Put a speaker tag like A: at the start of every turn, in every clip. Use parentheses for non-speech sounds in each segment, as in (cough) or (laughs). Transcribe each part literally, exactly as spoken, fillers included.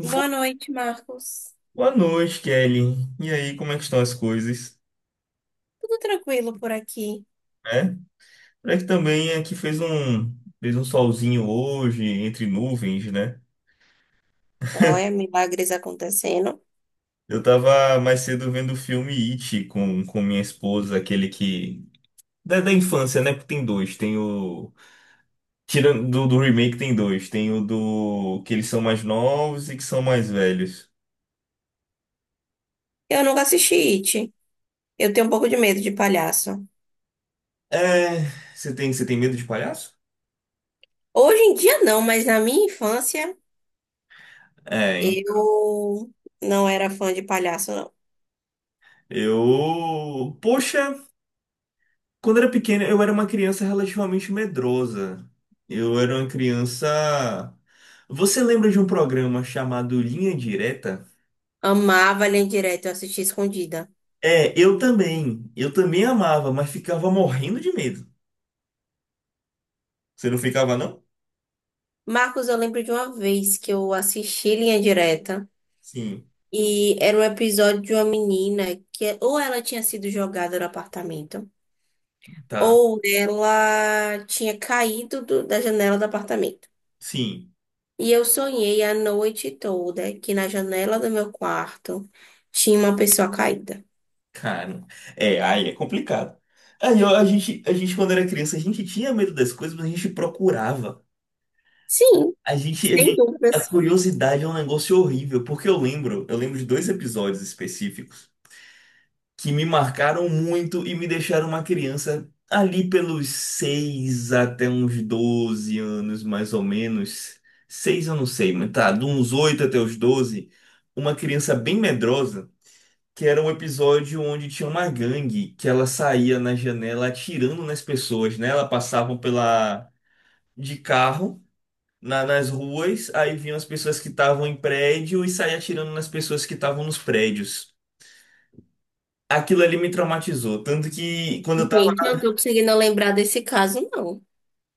A: Boa noite, Marcos.
B: Boa noite, Kelly. E aí, como é que estão as coisas?
A: Tudo tranquilo por aqui.
B: É? Parece que também aqui fez um, fez um solzinho hoje, entre nuvens, né?
A: Olha, milagres acontecendo.
B: Eu tava mais cedo vendo o filme It com, com minha esposa, aquele que... Da, da infância, né? Porque tem dois. Tem o... Tirando do, do remake, tem dois. Tem o do... Que eles são mais novos e que são mais velhos.
A: Eu nunca assisti It. Eu tenho um pouco de medo de palhaço.
B: É... Você tem, você tem medo de palhaço?
A: Hoje em dia não, mas na minha infância
B: É, hein?
A: eu não era fã de palhaço, não.
B: Eu... Poxa. Quando eu era pequeno, eu era uma criança relativamente medrosa. Eu era uma criança. Você lembra de um programa chamado Linha Direta?
A: Amava Linha Direta, eu assistia escondida.
B: É, eu também. Eu também amava, mas ficava morrendo de medo. Você não ficava, não?
A: Marcos, eu lembro de uma vez que eu assisti Linha Direta
B: Sim,
A: e era um episódio de uma menina que ou ela tinha sido jogada no apartamento.
B: tá.
A: Ou ela tinha caído do- da janela do apartamento.
B: Sim,
A: E eu sonhei a noite toda que na janela do meu quarto tinha uma pessoa caída.
B: cara. É, aí é complicado. Aí eu- a gente, a gente, quando era criança, a gente tinha medo das coisas, mas a gente procurava.
A: Sim,
B: A gente, a
A: sem
B: gente, a
A: dúvidas.
B: curiosidade é um negócio horrível, porque eu lembro, eu lembro de dois episódios específicos que me marcaram muito e me deixaram uma criança ali pelos seis até uns doze anos, mais ou menos. Seis eu não sei, mas tá, de uns oito até os doze, uma criança bem medrosa, que era um episódio onde tinha uma gangue que ela saía na janela atirando nas pessoas, né? Ela passava pela de carro. na- nas ruas, aí vinham as pessoas que estavam em prédio e saía atirando nas pessoas que estavam nos prédios. Aquilo ali me traumatizou. Tanto que quando eu tava.
A: Gente, eu não tô conseguindo lembrar desse caso, não.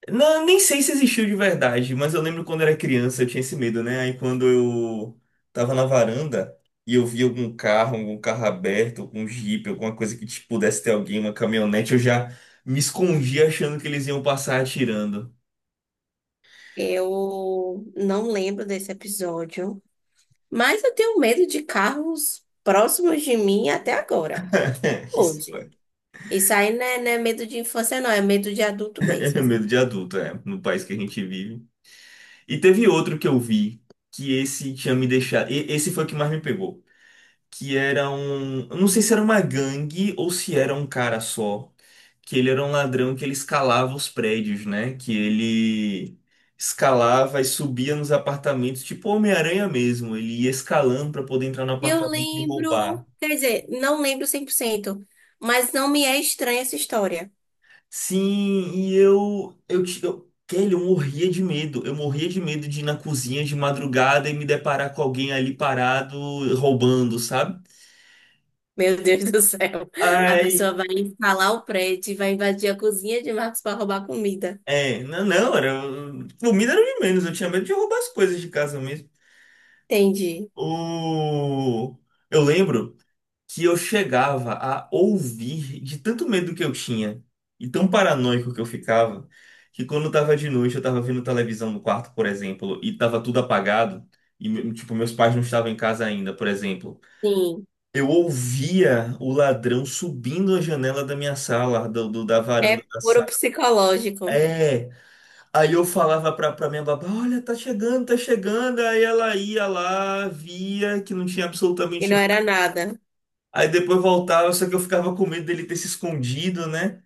B: Não, nem sei se existiu de verdade, mas eu lembro quando era criança eu tinha esse medo, né? Aí quando eu tava na varanda e eu vi algum carro, algum carro aberto, algum jipe, alguma coisa que tipo, pudesse ter alguém, uma caminhonete, eu já me escondia achando que eles iam passar atirando.
A: Eu não lembro desse episódio, mas eu tenho medo de carros próximos de mim até agora,
B: (laughs) É, isso
A: hoje. Isso aí não é, não é medo de infância, não, é medo de adulto
B: é
A: mesmo.
B: medo de adulto, é, no país que a gente vive. E teve outro que eu vi, que esse tinha me deixado. e- Esse foi o que mais me pegou. Que era um. Eu não sei se era uma gangue ou se era um cara só, que ele era um ladrão que ele escalava os prédios, né? Que ele escalava e subia nos apartamentos, tipo Homem-Aranha mesmo. Ele ia escalando para poder entrar no
A: Eu
B: apartamento e
A: lembro,
B: roubar.
A: quer dizer, não lembro cem por cento, mas não me é estranha essa história.
B: Sim, e eu, eu, ti- eu, Kelly, eu morria de medo. Eu morria de medo de ir na cozinha de madrugada e me deparar com alguém ali parado roubando, sabe?
A: Meu Deus do céu. A
B: Ai,
A: pessoa vai instalar o prédio e vai invadir a cozinha de Marcos para roubar comida.
B: é, não, não, era, comida era o de menos, eu tinha medo de roubar as coisas de casa mesmo.
A: Entendi.
B: O, eu lembro que eu chegava a ouvir de tanto medo que eu tinha e tão paranoico que eu ficava, que quando tava de noite, eu tava vendo televisão no quarto, por exemplo, e tava tudo apagado, e me- tipo, meus pais não estavam em casa ainda, por exemplo.
A: Sim,
B: Eu ouvia o ladrão subindo a janela da minha sala, do, do- da varanda
A: é
B: da
A: puro
B: sala.
A: psicológico.
B: É, aí eu falava pra, pra minha babá, olha, tá chegando, tá chegando. Aí ela ia lá, via que não tinha
A: E
B: absolutamente.
A: não era nada.
B: Aí depois voltava, só que eu ficava com medo dele ter se escondido, né?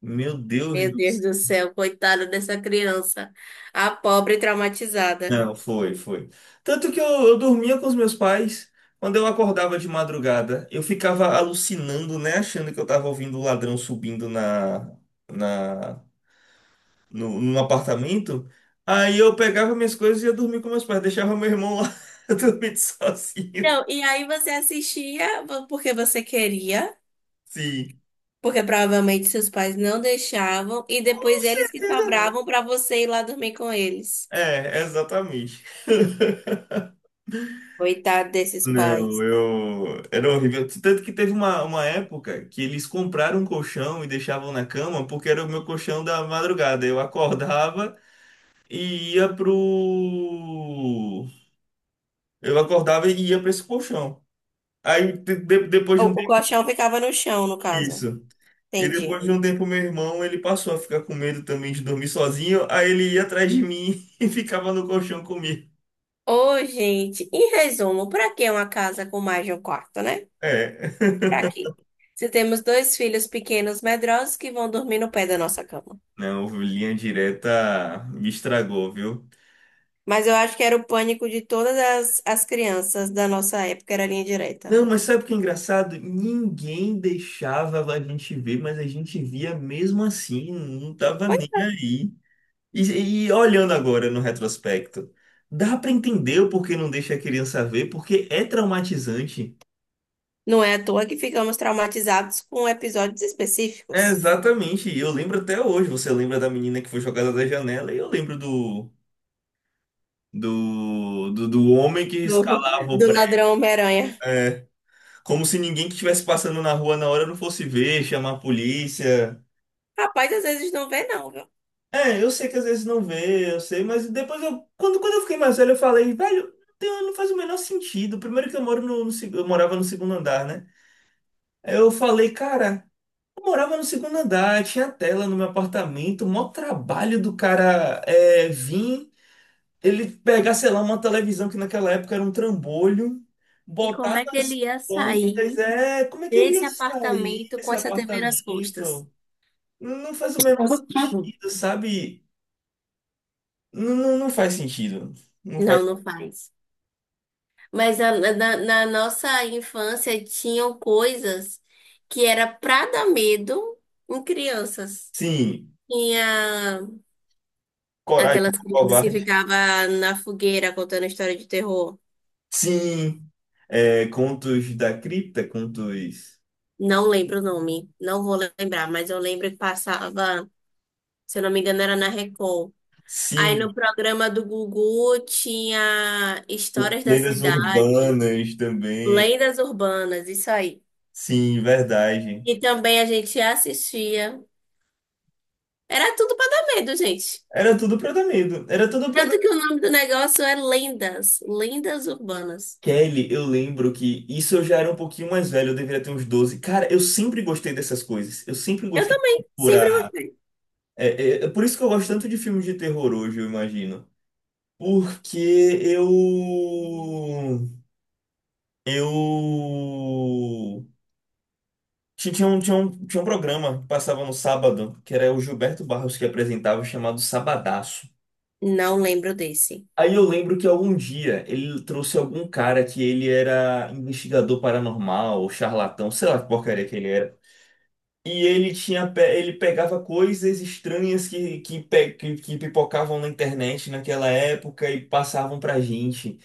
B: Meu Deus
A: Meu
B: do
A: Deus
B: céu.
A: do céu, coitada dessa criança. A pobre traumatizada.
B: Não, foi, foi. Tanto que eu, eu dormia com os meus pais. Quando eu acordava de madrugada, eu ficava alucinando, né? Achando que eu tava ouvindo o ladrão subindo na, na, no, no apartamento. Aí eu pegava minhas coisas e ia dormir com meus pais. Deixava meu irmão lá (laughs) dormir sozinho.
A: Não, e aí você assistia porque você queria.
B: Sim.
A: Porque provavelmente seus pais não deixavam e
B: Com
A: depois eles que
B: certeza não.
A: sobravam para você ir lá dormir com eles.
B: É, exatamente. (laughs)
A: Coitado desses
B: Não,
A: pais.
B: eu. Era horrível. Tanto que teve uma, uma época que eles compraram um colchão e deixavam na cama porque era o meu colchão da madrugada. Eu acordava e ia pro. Eu acordava e ia pra esse colchão. Aí de- de- depois
A: O,
B: de um
A: o
B: tempo
A: colchão ficava no chão, no caso.
B: isso. E
A: Entendi.
B: depois de um tempo meu irmão ele passou a ficar com medo também de dormir sozinho. Aí ele ia atrás de mim (laughs) e ficava no colchão comigo.
A: Ô, gente, em resumo, para que uma casa com mais de um quarto, né?
B: É. (laughs)
A: Para quê? Se temos dois filhos pequenos medrosos que vão dormir no pé da nossa cama.
B: Não, linha direta me estragou, viu?
A: Mas eu acho que era o pânico de todas as, as crianças da nossa época, era a linha direta.
B: Não, mas sabe o que é engraçado? Ninguém deixava a gente ver, mas a gente via mesmo assim, não tava nem aí. E, e olhando agora no retrospecto, dá pra entender o porquê não deixa a criança ver, porque é traumatizante.
A: Não é à toa que ficamos traumatizados com episódios
B: É,
A: específicos.
B: exatamente, e eu lembro até hoje. Você lembra da menina que foi jogada da janela, e eu lembro do, do, do, do homem que
A: Do,
B: escalava o
A: do
B: prédio.
A: ladrão Homem-Aranha.
B: É, como se ninguém que estivesse passando na rua na hora não fosse ver, chamar a polícia.
A: Rapaz, às vezes não vê, não, viu?
B: É, eu sei que às vezes não vê, eu sei, mas depois eu. Quando, quando eu fiquei mais velho, eu falei, velho, não tem- não faz o menor sentido. Primeiro que eu moro no, no seg- eu morava no segundo andar, né? Aí eu falei, cara, eu morava no segundo andar, tinha tela no meu apartamento, o maior trabalho do cara é vir, ele pegar, sei lá, uma televisão que naquela época era um trambolho,
A: E como
B: botar
A: é que ele
B: nas
A: ia
B: pontas,
A: sair
B: é, como é que ele
A: desse
B: ia sair
A: apartamento com
B: desse
A: essa T V nas costas?
B: apartamento? Não faz o menor sentido, sabe? Não, não, não faz sentido. Não
A: Não,
B: faz.
A: não faz. Mas a- na, na nossa infância tinham coisas que era pra dar medo em crianças.
B: Sim,
A: Tinha
B: Coragem do
A: aquelas crianças que
B: Covarde.
A: ficavam na fogueira contando história de terror.
B: Sim, é, Contos da Cripta, contos.
A: Não lembro o nome, não vou lembrar, mas eu lembro que passava, se eu não me engano, era na Record. Aí
B: Sim,
A: no programa do Gugu tinha Histórias da
B: lendas
A: Cidade,
B: urbanas também.
A: Lendas Urbanas, isso aí.
B: Sim, verdade.
A: E também a gente assistia. Era tudo pra dar medo, gente.
B: Era tudo pra dar medo. Era tudo pra dar.
A: Tanto que o nome do negócio é Lendas, Lendas Urbanas.
B: Kelly, eu lembro que isso eu já era um pouquinho mais velho, eu deveria ter uns doze. Cara, eu sempre gostei dessas coisas. Eu sempre
A: Eu
B: gostei de
A: também, sempre
B: procurar.
A: gostei.
B: É, é, é por isso que eu gosto tanto de filmes de terror hoje, eu imagino. Porque eu Eu ti- tinha um, tinha um, tinha um programa que passava no sábado, que era o Gilberto Barros que apresentava, chamado Sabadaço.
A: Não lembro desse.
B: Aí eu lembro que algum dia ele trouxe algum cara que ele era investigador paranormal, ou charlatão, sei lá que porcaria que ele era. E ele tinha, pe- ele pegava coisas estranhas que, que, pe- que, que pipocavam na internet naquela época e passavam pra gente.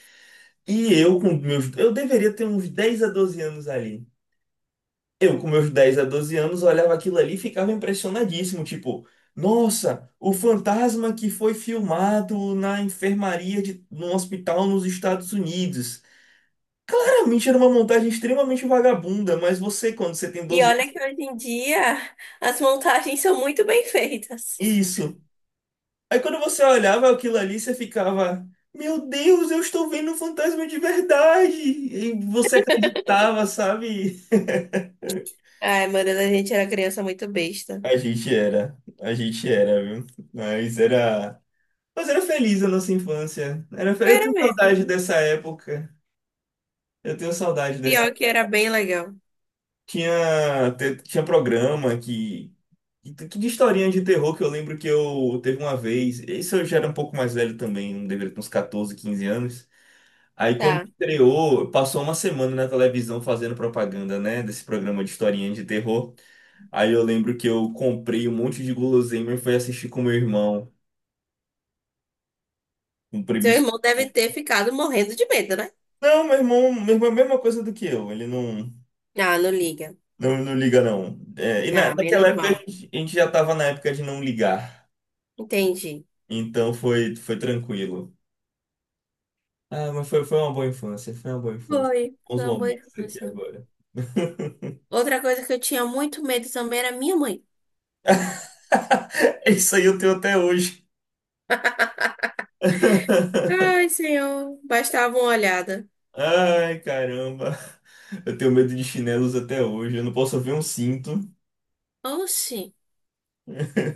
B: E eu com meus, eu deveria ter uns dez a doze anos ali. Eu, com meus dez a doze anos, olhava aquilo ali e ficava impressionadíssimo. Tipo, nossa, o fantasma que foi filmado na enfermaria de num hospital nos Estados Unidos. Claramente era uma montagem extremamente vagabunda, mas você, quando você tem
A: E
B: doze
A: olha que
B: anos,
A: hoje em dia as montagens são muito bem feitas.
B: isso. Aí quando você olhava aquilo ali, você ficava, meu Deus, eu estou vendo um fantasma de verdade. E você acreditava, sabe? (laughs)
A: Ai, meu Deus, a gente era criança muito besta.
B: A gente era, a gente era, viu? Mas era. Mas era feliz a nossa infância. Era fe- Eu
A: Era
B: tenho
A: mesmo.
B: saudade dessa época. Eu tenho saudade dessa.
A: Pior que era bem legal.
B: Tinha, te- tinha programa que. que que de historinha de terror que eu lembro que eu teve uma vez. Isso eu já era um pouco mais velho também, não deveria ter uns catorze quinze anos. Aí quando
A: Tá.
B: estreou, passou uma semana na televisão fazendo propaganda, né? Desse programa de historinha de terror. Aí eu lembro que eu comprei um monte de guloseima e fui assistir com meu irmão, um primo.
A: Seu irmão deve ter ficado morrendo de medo, né?
B: Não, meu irmão, meu irmão é a mesma coisa do que eu. Ele não.
A: Ah, não liga.
B: Não, não liga, não. É, e na,
A: Ah,
B: naquela
A: menos
B: época a
A: mal.
B: gente, a gente já tava na época de não ligar.
A: Entendi.
B: Então foi, foi tranquilo. Ah, mas foi, foi uma boa infância, foi uma boa infância.
A: Foi,
B: Bons
A: foi uma boa
B: momentos aqui
A: infância.
B: agora.
A: Outra coisa que eu tinha muito medo também era minha mãe.
B: (laughs) Isso aí eu tenho até hoje. (laughs)
A: Ai, senhor, bastava uma olhada.
B: Ai, caramba. Eu tenho medo de chinelos até hoje. Eu não posso ver um cinto.
A: Oxi,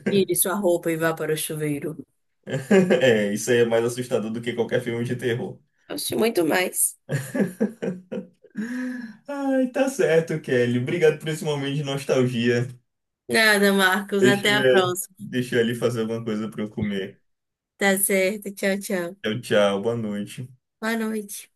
A: tire sua roupa e vá para o chuveiro.
B: (laughs) É, isso aí é mais assustador do que qualquer filme de terror.
A: Oxe, muito mais.
B: Ai, tá certo, Kelly. Obrigado por esse momento de nostalgia.
A: Nada, Marcos.
B: Deixa
A: Até a
B: eu,
A: próxima.
B: deixa eu ali fazer alguma coisa pra eu comer.
A: Tá certo. Tchau, tchau.
B: Tchau, tchau. Boa noite.
A: Boa noite.